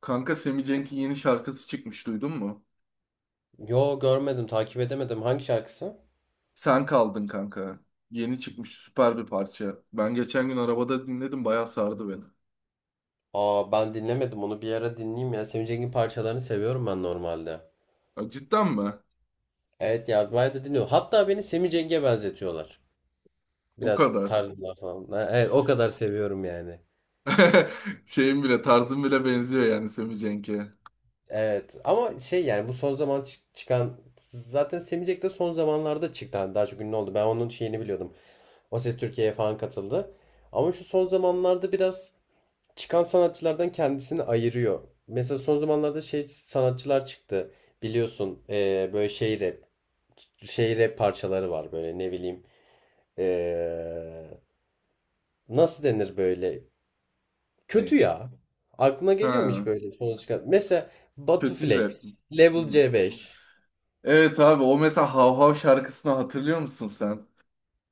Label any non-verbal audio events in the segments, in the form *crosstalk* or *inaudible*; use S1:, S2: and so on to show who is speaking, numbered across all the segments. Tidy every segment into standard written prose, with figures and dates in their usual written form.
S1: Kanka, Sammy Cenk'in yeni şarkısı çıkmış, duydun mu?
S2: Yo, görmedim, takip edemedim. Hangi şarkısı?
S1: Sen kaldın kanka. Yeni çıkmış süper bir parça. Ben geçen gün arabada dinledim, bayağı sardı beni.
S2: Aa, ben dinlemedim onu, bir ara dinleyeyim ya. Semih Cengiz'in parçalarını seviyorum ben normalde.
S1: Ya cidden mi?
S2: Evet ya, bayağı da dinliyorum. Hatta beni Semih Cengiz'e benzetiyorlar.
S1: O
S2: Biraz
S1: kadar.
S2: tarzından falan. Ha, evet, o kadar seviyorum yani.
S1: *laughs* Şeyim bile, tarzım bile benziyor yani Sammy Cenk'e.
S2: Evet ama şey, yani bu son zaman çıkan zaten Semih Cengiz de son zamanlarda çıktı. Hani daha çok ünlü oldu. Ben onun şeyini biliyordum. O Ses Türkiye'ye falan katıldı. Ama şu son zamanlarda biraz çıkan sanatçılardan kendisini ayırıyor. Mesela son zamanlarda şey sanatçılar çıktı. Biliyorsun böyle şey rap, şey rap parçaları var böyle, ne bileyim. eee, Nasıl denir böyle?
S1: Ne?
S2: Kötü ya. Aklına geliyor mu
S1: Ha,
S2: hiç böyle son çıkan? Mesela Batu
S1: kötü
S2: Flex,
S1: rap.
S2: Level
S1: Hmm.
S2: C5.
S1: Evet abi, o mesela Hav Hav şarkısını hatırlıyor musun sen?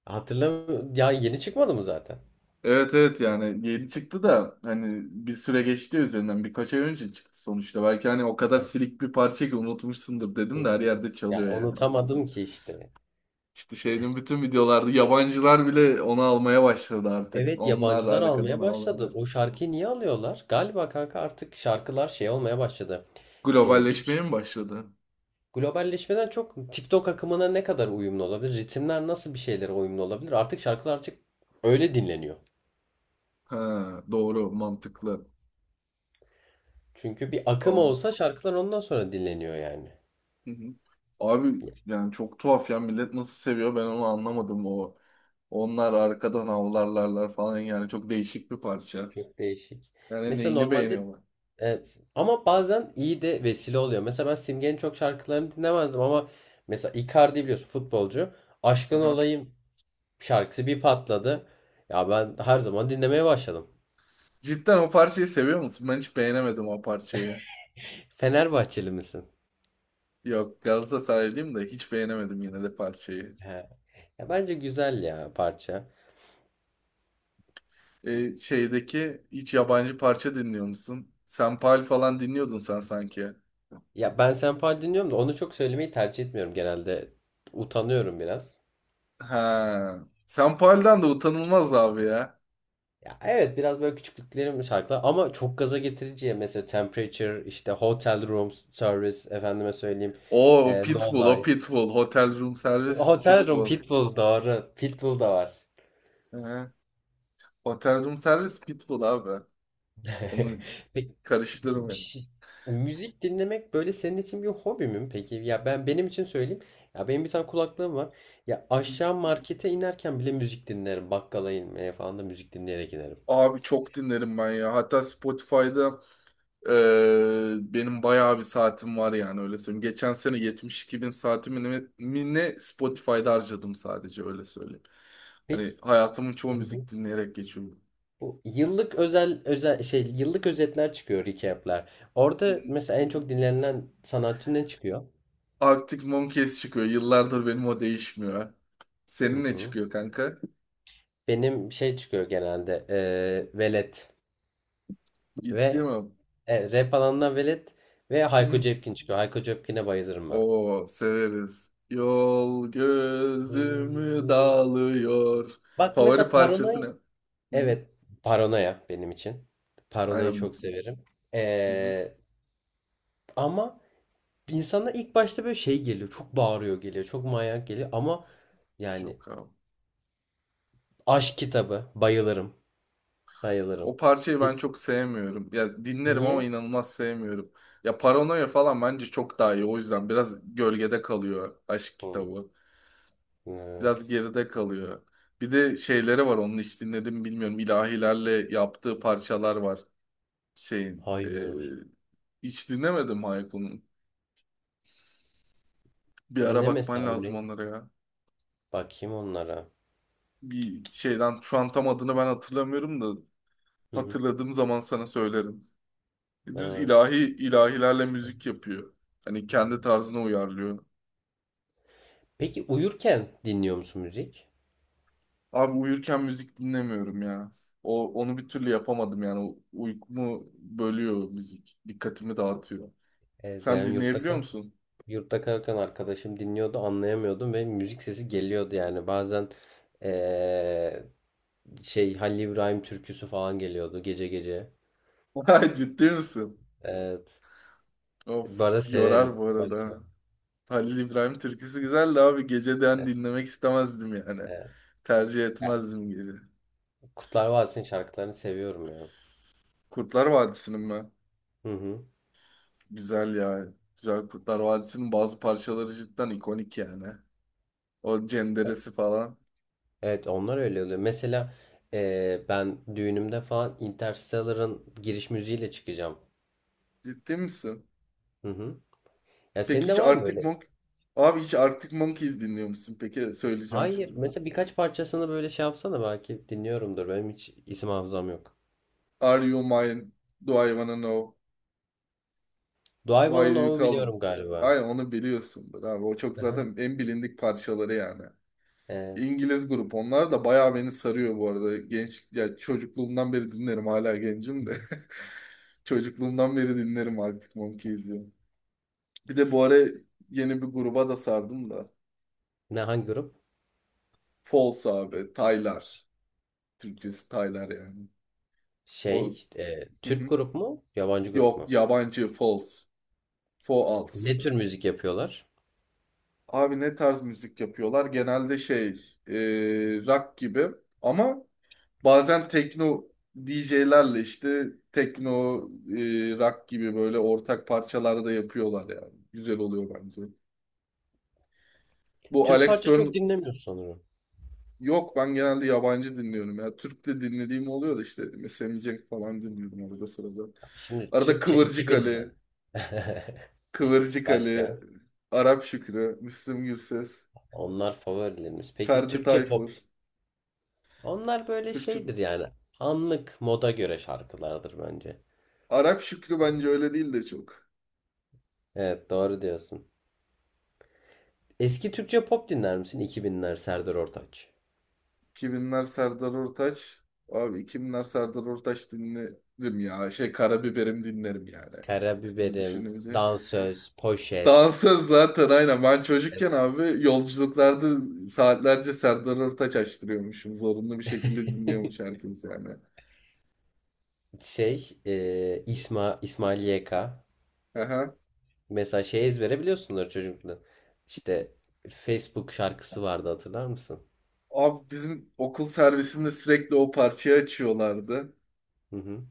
S2: Hatırlamıyorum. Ya yeni çıkmadı mı zaten?
S1: Evet, evet, yani yeni çıktı da hani bir süre geçti üzerinden, birkaç ay önce çıktı sonuçta. Belki hani o kadar silik bir parça ki unutmuşsundur dedim de her yerde
S2: Ya
S1: çalıyor yani aslında.
S2: unutamadım ki işte.
S1: İşte şeyin bütün videolarda yabancılar bile onu almaya başladı artık.
S2: Evet,
S1: Onlar
S2: yabancılar
S1: arkadan
S2: almaya başladı.
S1: avlanıyor.
S2: O şarkıyı niye alıyorlar? Galiba kanka artık şarkılar şey olmaya başladı. e, bir tik-
S1: Globalleşmeye mi başladı?
S2: Globalleşmeden çok TikTok akımına ne kadar uyumlu olabilir? Ritimler nasıl bir şeylere uyumlu olabilir? Artık şarkılar artık öyle dinleniyor.
S1: Ha, doğru, mantıklı.
S2: Çünkü bir akım
S1: Am-
S2: olsa şarkılar ondan sonra dinleniyor yani.
S1: Hı hı. Abi
S2: Ya,
S1: yani çok tuhaf ya, millet nasıl seviyor, ben onu anlamadım o. Onlar arkadan avlarlarlar falan, yani çok değişik bir parça.
S2: çok değişik.
S1: Yani
S2: Mesela
S1: neyini
S2: normalde
S1: beğeniyorlar?
S2: evet, ama bazen iyi de vesile oluyor. Mesela ben Simge'nin çok şarkılarını dinlemezdim ama mesela Icardi, biliyorsun, futbolcu. Aşkın
S1: Aha.
S2: Olayım şarkısı bir patladı. Ya ben her zaman dinlemeye başladım.
S1: Cidden o parçayı seviyor musun? Ben hiç beğenemedim o parçayı.
S2: Fenerbahçeli misin?
S1: Yok, Galatasaraylıyım da hiç beğenemedim yine de parçayı.
S2: He. Ya bence güzel ya parça.
S1: Şeydeki hiç yabancı parça dinliyor musun? Senpal falan dinliyordun sen sanki.
S2: Ya ben senpai dinliyorum da onu çok söylemeyi tercih etmiyorum genelde. Utanıyorum biraz.
S1: Ha. Senpal'den de utanılmaz abi ya.
S2: Ya evet, biraz böyle küçüklüklerim şarkılar, ama çok gaza getiriciye mesela Temperature, işte Hotel Room Service, efendime söyleyeyim.
S1: O
S2: No
S1: Pitbull, o
S2: Life.
S1: Pitbull. Hotel Room Service
S2: Hotel Room
S1: Pitbull.
S2: Pitbull, doğru. Pitbull da var.
S1: Hı. Hotel Room Service Pitbull abi. Onu
S2: *laughs* Peki, bir
S1: karıştırmayın.
S2: şey- müzik dinlemek böyle senin için bir hobi mi peki? Ya ben benim için söyleyeyim. Ya, benim bir tane kulaklığım var. Ya
S1: Hı hı.
S2: aşağı markete inerken bile müzik dinlerim. Bakkala inmeye falan da müzik dinleyerek inerim.
S1: Abi çok dinlerim ben ya. Hatta Spotify'da benim bayağı bir saatim var yani, öyle söyleyeyim. Geçen sene 72 bin saatimi ne, mi ne Spotify'da harcadım, sadece öyle söyleyeyim.
S2: Peki
S1: Hani hayatımın çoğu müzik dinleyerek geçiyor.
S2: bu yıllık özel özel şey, yıllık özetler çıkıyor, recap'ler. Orada mesela en çok dinlenilen sanatçı ne çıkıyor?
S1: Arctic Monkeys çıkıyor. Yıllardır benim o değişmiyor.
S2: Hı
S1: Senin ne
S2: hı.
S1: çıkıyor kanka?
S2: Benim şey çıkıyor genelde, Velet
S1: Ciddi
S2: ve
S1: mi?
S2: rap alanından Velet ve Hayko
S1: Hı.
S2: Cepkin çıkıyor. Hayko Cepkin'e bayılırım ben.
S1: Oo, severiz. Yol gözümü
S2: Eee,
S1: dağılıyor.
S2: Bak
S1: Favori
S2: mesela
S1: parçası ne?
S2: Paranoia.
S1: Hı?
S2: Evet, paranoya benim için. Paranoyayı
S1: Aynen
S2: çok
S1: bu.
S2: severim.
S1: Hı hı.
S2: Ee, Ama insana ilk başta böyle şey geliyor. Çok bağırıyor geliyor. Çok manyak geliyor. Ama yani
S1: Yok abi.
S2: aşk kitabı. Bayılırım. Bayılırım.
S1: O parçayı
S2: Di-
S1: ben çok sevmiyorum. Ya dinlerim ama
S2: Niye?
S1: inanılmaz sevmiyorum. Ya Paranoya falan bence çok daha iyi. O yüzden biraz gölgede kalıyor aşk
S2: Hı,
S1: kitabı. Biraz
S2: evet.
S1: geride kalıyor. Bir de şeyleri var, onu hiç dinledim bilmiyorum. İlahilerle yaptığı parçalar var. Şeyin.
S2: Hayır.
S1: Hiç dinlemedim Hayko'nun. Bir ara
S2: Ne
S1: bakman
S2: mesela,
S1: lazım
S2: örneğin?
S1: onlara ya.
S2: Bakayım onlara.
S1: Bir şeyden şu an tam adını ben hatırlamıyorum da
S2: Hı hı.
S1: hatırladığım zaman sana söylerim. Düz
S2: Evet.
S1: ilahi ilahilerle müzik yapıyor. Hani kendi
S2: Hı.
S1: tarzına uyarlıyor.
S2: Peki uyurken dinliyor musun müzik?
S1: Abi uyurken müzik dinlemiyorum ya. O onu bir türlü yapamadım yani. Uykumu bölüyor müzik. Dikkatimi dağıtıyor.
S2: Ben
S1: Sen
S2: yurtta
S1: dinleyebiliyor musun?
S2: Yurtta kalırken arkadaşım dinliyordu, anlayamıyordum ve müzik sesi geliyordu yani. Bazen eee, şey, Halil İbrahim türküsü falan geliyordu gece gece.
S1: *laughs* Vay, ciddi misin?
S2: Evet. Bu arada
S1: Of, yorar
S2: severim.
S1: bu
S2: Böyle
S1: arada.
S2: severim.
S1: Halil İbrahim türküsü güzel de abi, geceden
S2: Evet,
S1: dinlemek istemezdim yani.
S2: evet.
S1: Tercih
S2: Ya,
S1: etmezdim gece.
S2: Kurtlar Vadisi'nin şarkılarını seviyorum ya.
S1: Kurtlar Vadisi'nin mi?
S2: Hı hı.
S1: Güzel ya. Güzel, Kurtlar Vadisi'nin bazı parçaları cidden ikonik yani. O cenderesi falan.
S2: Evet, onlar öyle oluyor. Mesela ben düğünümde falan Interstellar'ın giriş müziğiyle çıkacağım.
S1: Ciddi misin?
S2: Hı hı. Ya senin
S1: Peki
S2: de
S1: hiç
S2: var mı böyle?
S1: Abi hiç Arctic Monkeys dinliyor musun? Peki söyleyeceğim
S2: Hayır.
S1: şimdi.
S2: Mesela birkaç parçasını böyle şey yapsana, belki dinliyorumdur. Benim hiç isim hafızam yok.
S1: Are you mine? Do I wanna know? Why do
S2: Doğayvan'ın
S1: you
S2: Ov'u
S1: call me?
S2: biliyorum galiba.
S1: Aynen onu biliyorsundur abi. O çok
S2: Aha.
S1: zaten en bilindik parçaları yani.
S2: Evet.
S1: İngiliz grup onlar da bayağı beni sarıyor bu arada. Genç, ya çocukluğumdan beri dinlerim, hala gencim de. *laughs* Çocukluğumdan beri dinlerim Arctic Monkeys'i. Bir de bu ara yeni bir gruba da sardım da.
S2: Ne, hangi grup?
S1: False abi. Taylar. Türkçesi Taylar yani.
S2: Şey,
S1: O
S2: işte, Türk
S1: *laughs*
S2: grup mu, yabancı grup
S1: Yok,
S2: mu?
S1: yabancı false. False.
S2: Ne tür müzik yapıyorlar?
S1: Abi ne tarz müzik yapıyorlar? Genelde şey e, rock gibi ama bazen tekno, DJ'lerle işte tekno rock gibi böyle ortak parçalarda yapıyorlar yani. Güzel oluyor bence. Bu
S2: Türk
S1: Alex
S2: parça
S1: Turner.
S2: çok dinlemiyoruz sanırım.
S1: Yok, ben genelde yabancı dinliyorum ya. Türk de dinlediğim oluyor da işte mesela Cenk falan dinliyorum arada sırada.
S2: Şimdi
S1: Arada
S2: Türkçe
S1: Kıvırcık
S2: 2000'den.
S1: Ali,
S2: *laughs*
S1: Kıvırcık Ali,
S2: Başka.
S1: Arap Şükrü, Müslüm Gürses.
S2: Onlar favorilerimiz. Peki
S1: Ferdi
S2: Türkçe
S1: Tayfur.
S2: pop? Onlar böyle
S1: Türkçe
S2: şeydir
S1: bu.
S2: yani. Anlık moda göre şarkılardır bence.
S1: Arap Şükrü bence öyle değil de çok.
S2: Evet, doğru diyorsun. Eski Türkçe pop dinler misin? 2000'ler Serdar Ortaç.
S1: 2000'ler Serdar Ortaç. Abi 2000'ler Serdar Ortaç dinlerim ya. Şey Karabiberim dinlerim yani. Şimdi
S2: Karabiberim,
S1: düşününce.
S2: Dansöz, Poşet.
S1: Dansöz zaten aynen. Ben çocukken abi yolculuklarda saatlerce Serdar Ortaç açtırıyormuşum. Zorunlu bir şekilde
S2: *laughs*
S1: dinliyormuş herkes yani.
S2: Şey, İsmail YK.
S1: Aha.
S2: Mesela şey ezbere biliyorsundur çocukluğunda. İşte Facebook şarkısı vardı, hatırlar mısın?
S1: Abi bizim okul servisinde sürekli o parçayı açıyorlardı.
S2: Hı hı.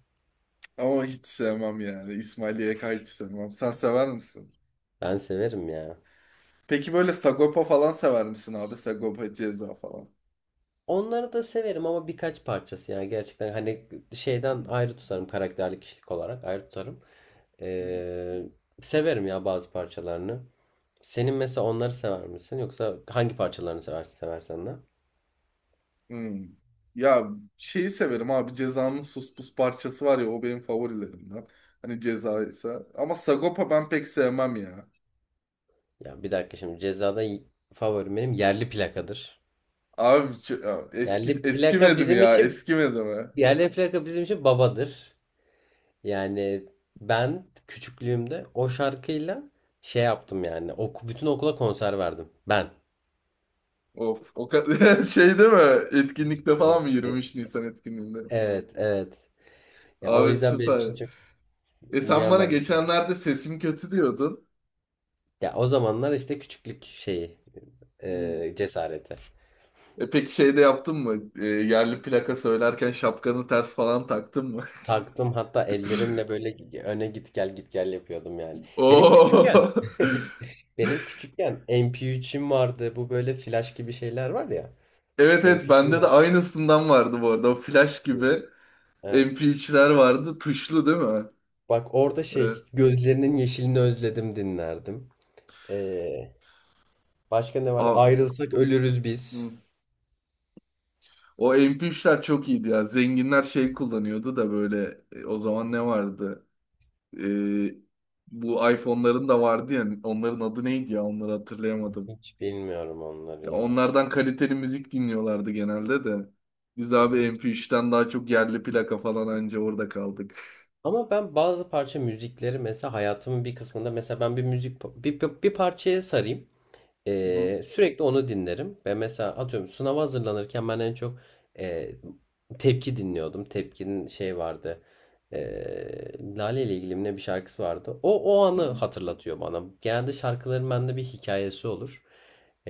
S1: Ama hiç sevmem yani. İsmail YK hiç sevmem. Sen sever misin?
S2: Ben severim ya.
S1: Peki böyle Sagopa falan sever misin abi? Sagopa Ceza falan.
S2: Onları da severim ama birkaç parçası yani, gerçekten hani şeyden ayrı tutarım, karakterli kişilik olarak ayrı tutarım. Ee, Severim ya, bazı parçalarını. Senin mesela onları sever misin, yoksa hangi parçalarını seversin seversen de?
S1: Hmm. Ya şeyi severim abi, Ceza'nın Sus Pus parçası var ya, o benim favorilerimden. Hani Ceza ise. Ama Sagopa ben pek sevmem ya.
S2: Ya bir dakika, şimdi Ceza'da favorim benim yerli plakadır.
S1: Abi ya eski
S2: Yerli plaka
S1: eskimedi mi
S2: bizim
S1: ya?
S2: için
S1: Eskimedi mi?
S2: Yerli plaka bizim için babadır. Yani ben küçüklüğümde o şarkıyla şey yaptım yani. Oku, bütün okula konser verdim. Ben.
S1: Of o kadar *laughs* şey değil mi? Etkinlikte
S2: Evet.
S1: falan mı, 23 Nisan etkinliğinde?
S2: Evet, evet. Ya o
S1: Abi
S2: yüzden benim
S1: süper.
S2: için çok
S1: Sen bana
S2: mükemmel bir şey.
S1: geçenlerde sesim kötü diyordun.
S2: Ya o zamanlar işte küçüklük şeyi,
S1: Hı.
S2: cesareti.
S1: Peki şey de yaptın mı? Yerli plaka söylerken şapkanı ters falan taktın mı?
S2: Taktım, hatta ellerimle
S1: *laughs*
S2: böyle öne git gel git gel yapıyordum yani. Benim
S1: Oo.
S2: küçükken *laughs* benim küçükken MP3'üm vardı. Bu böyle flash gibi şeyler var ya.
S1: Evet, evet,
S2: MP3'üm
S1: bende de
S2: vardı.
S1: aynısından vardı bu arada. O flash gibi
S2: Evet.
S1: MP3'ler vardı. Tuşlu değil mi?
S2: Bak, orada şey,
S1: Evet.
S2: gözlerinin yeşilini özledim dinlerdim. Ee, Başka ne vardı?
S1: Aa,
S2: Ayrılsak ölürüz biz.
S1: hı. O MP3'ler çok iyiydi ya. Zenginler şey kullanıyordu da böyle o zaman ne vardı? E, Bu iPhone'ların da vardı ya. Onların adı neydi ya? Onları hatırlayamadım.
S2: Hiç bilmiyorum onları
S1: Ya
S2: ya.
S1: onlardan kaliteli müzik dinliyorlardı genelde de. Biz
S2: Hı
S1: abi
S2: hı.
S1: MP3'ten daha çok yerli plaka falan anca orada kaldık.
S2: Ama ben bazı parça müzikleri mesela hayatımın bir kısmında, mesela ben bir müzik bir parçaya sarayım.
S1: Hı hı,
S2: Sürekli onu dinlerim. Ve mesela atıyorum, sınava hazırlanırken ben en çok e, Tepki dinliyordum. Tepki'nin şey vardı. Ee, Lale ile ilgili mi ne bir şarkısı vardı. O
S1: hı
S2: anı
S1: hı.
S2: hatırlatıyor bana. Genelde şarkıların bende bir hikayesi olur.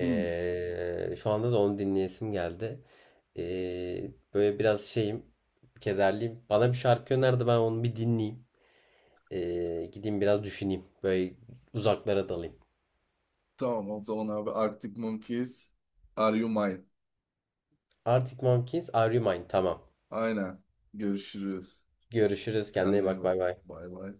S1: Hmm,
S2: Şu anda da onu dinleyesim geldi. Böyle biraz şeyim, kederliyim. Bana bir şarkı önerdi, ben onu bir dinleyeyim. Gideyim biraz düşüneyim. Böyle uzaklara dalayım.
S1: tamam o zaman abi, Arctic Monkeys, Are You Mine?
S2: Arctic Monkeys, Are You Mine? Tamam.
S1: Aynen. Görüşürüz.
S2: Görüşürüz. Kendine iyi
S1: Kendine iyi
S2: bak.
S1: bak.
S2: Bay bay.
S1: Bay bay.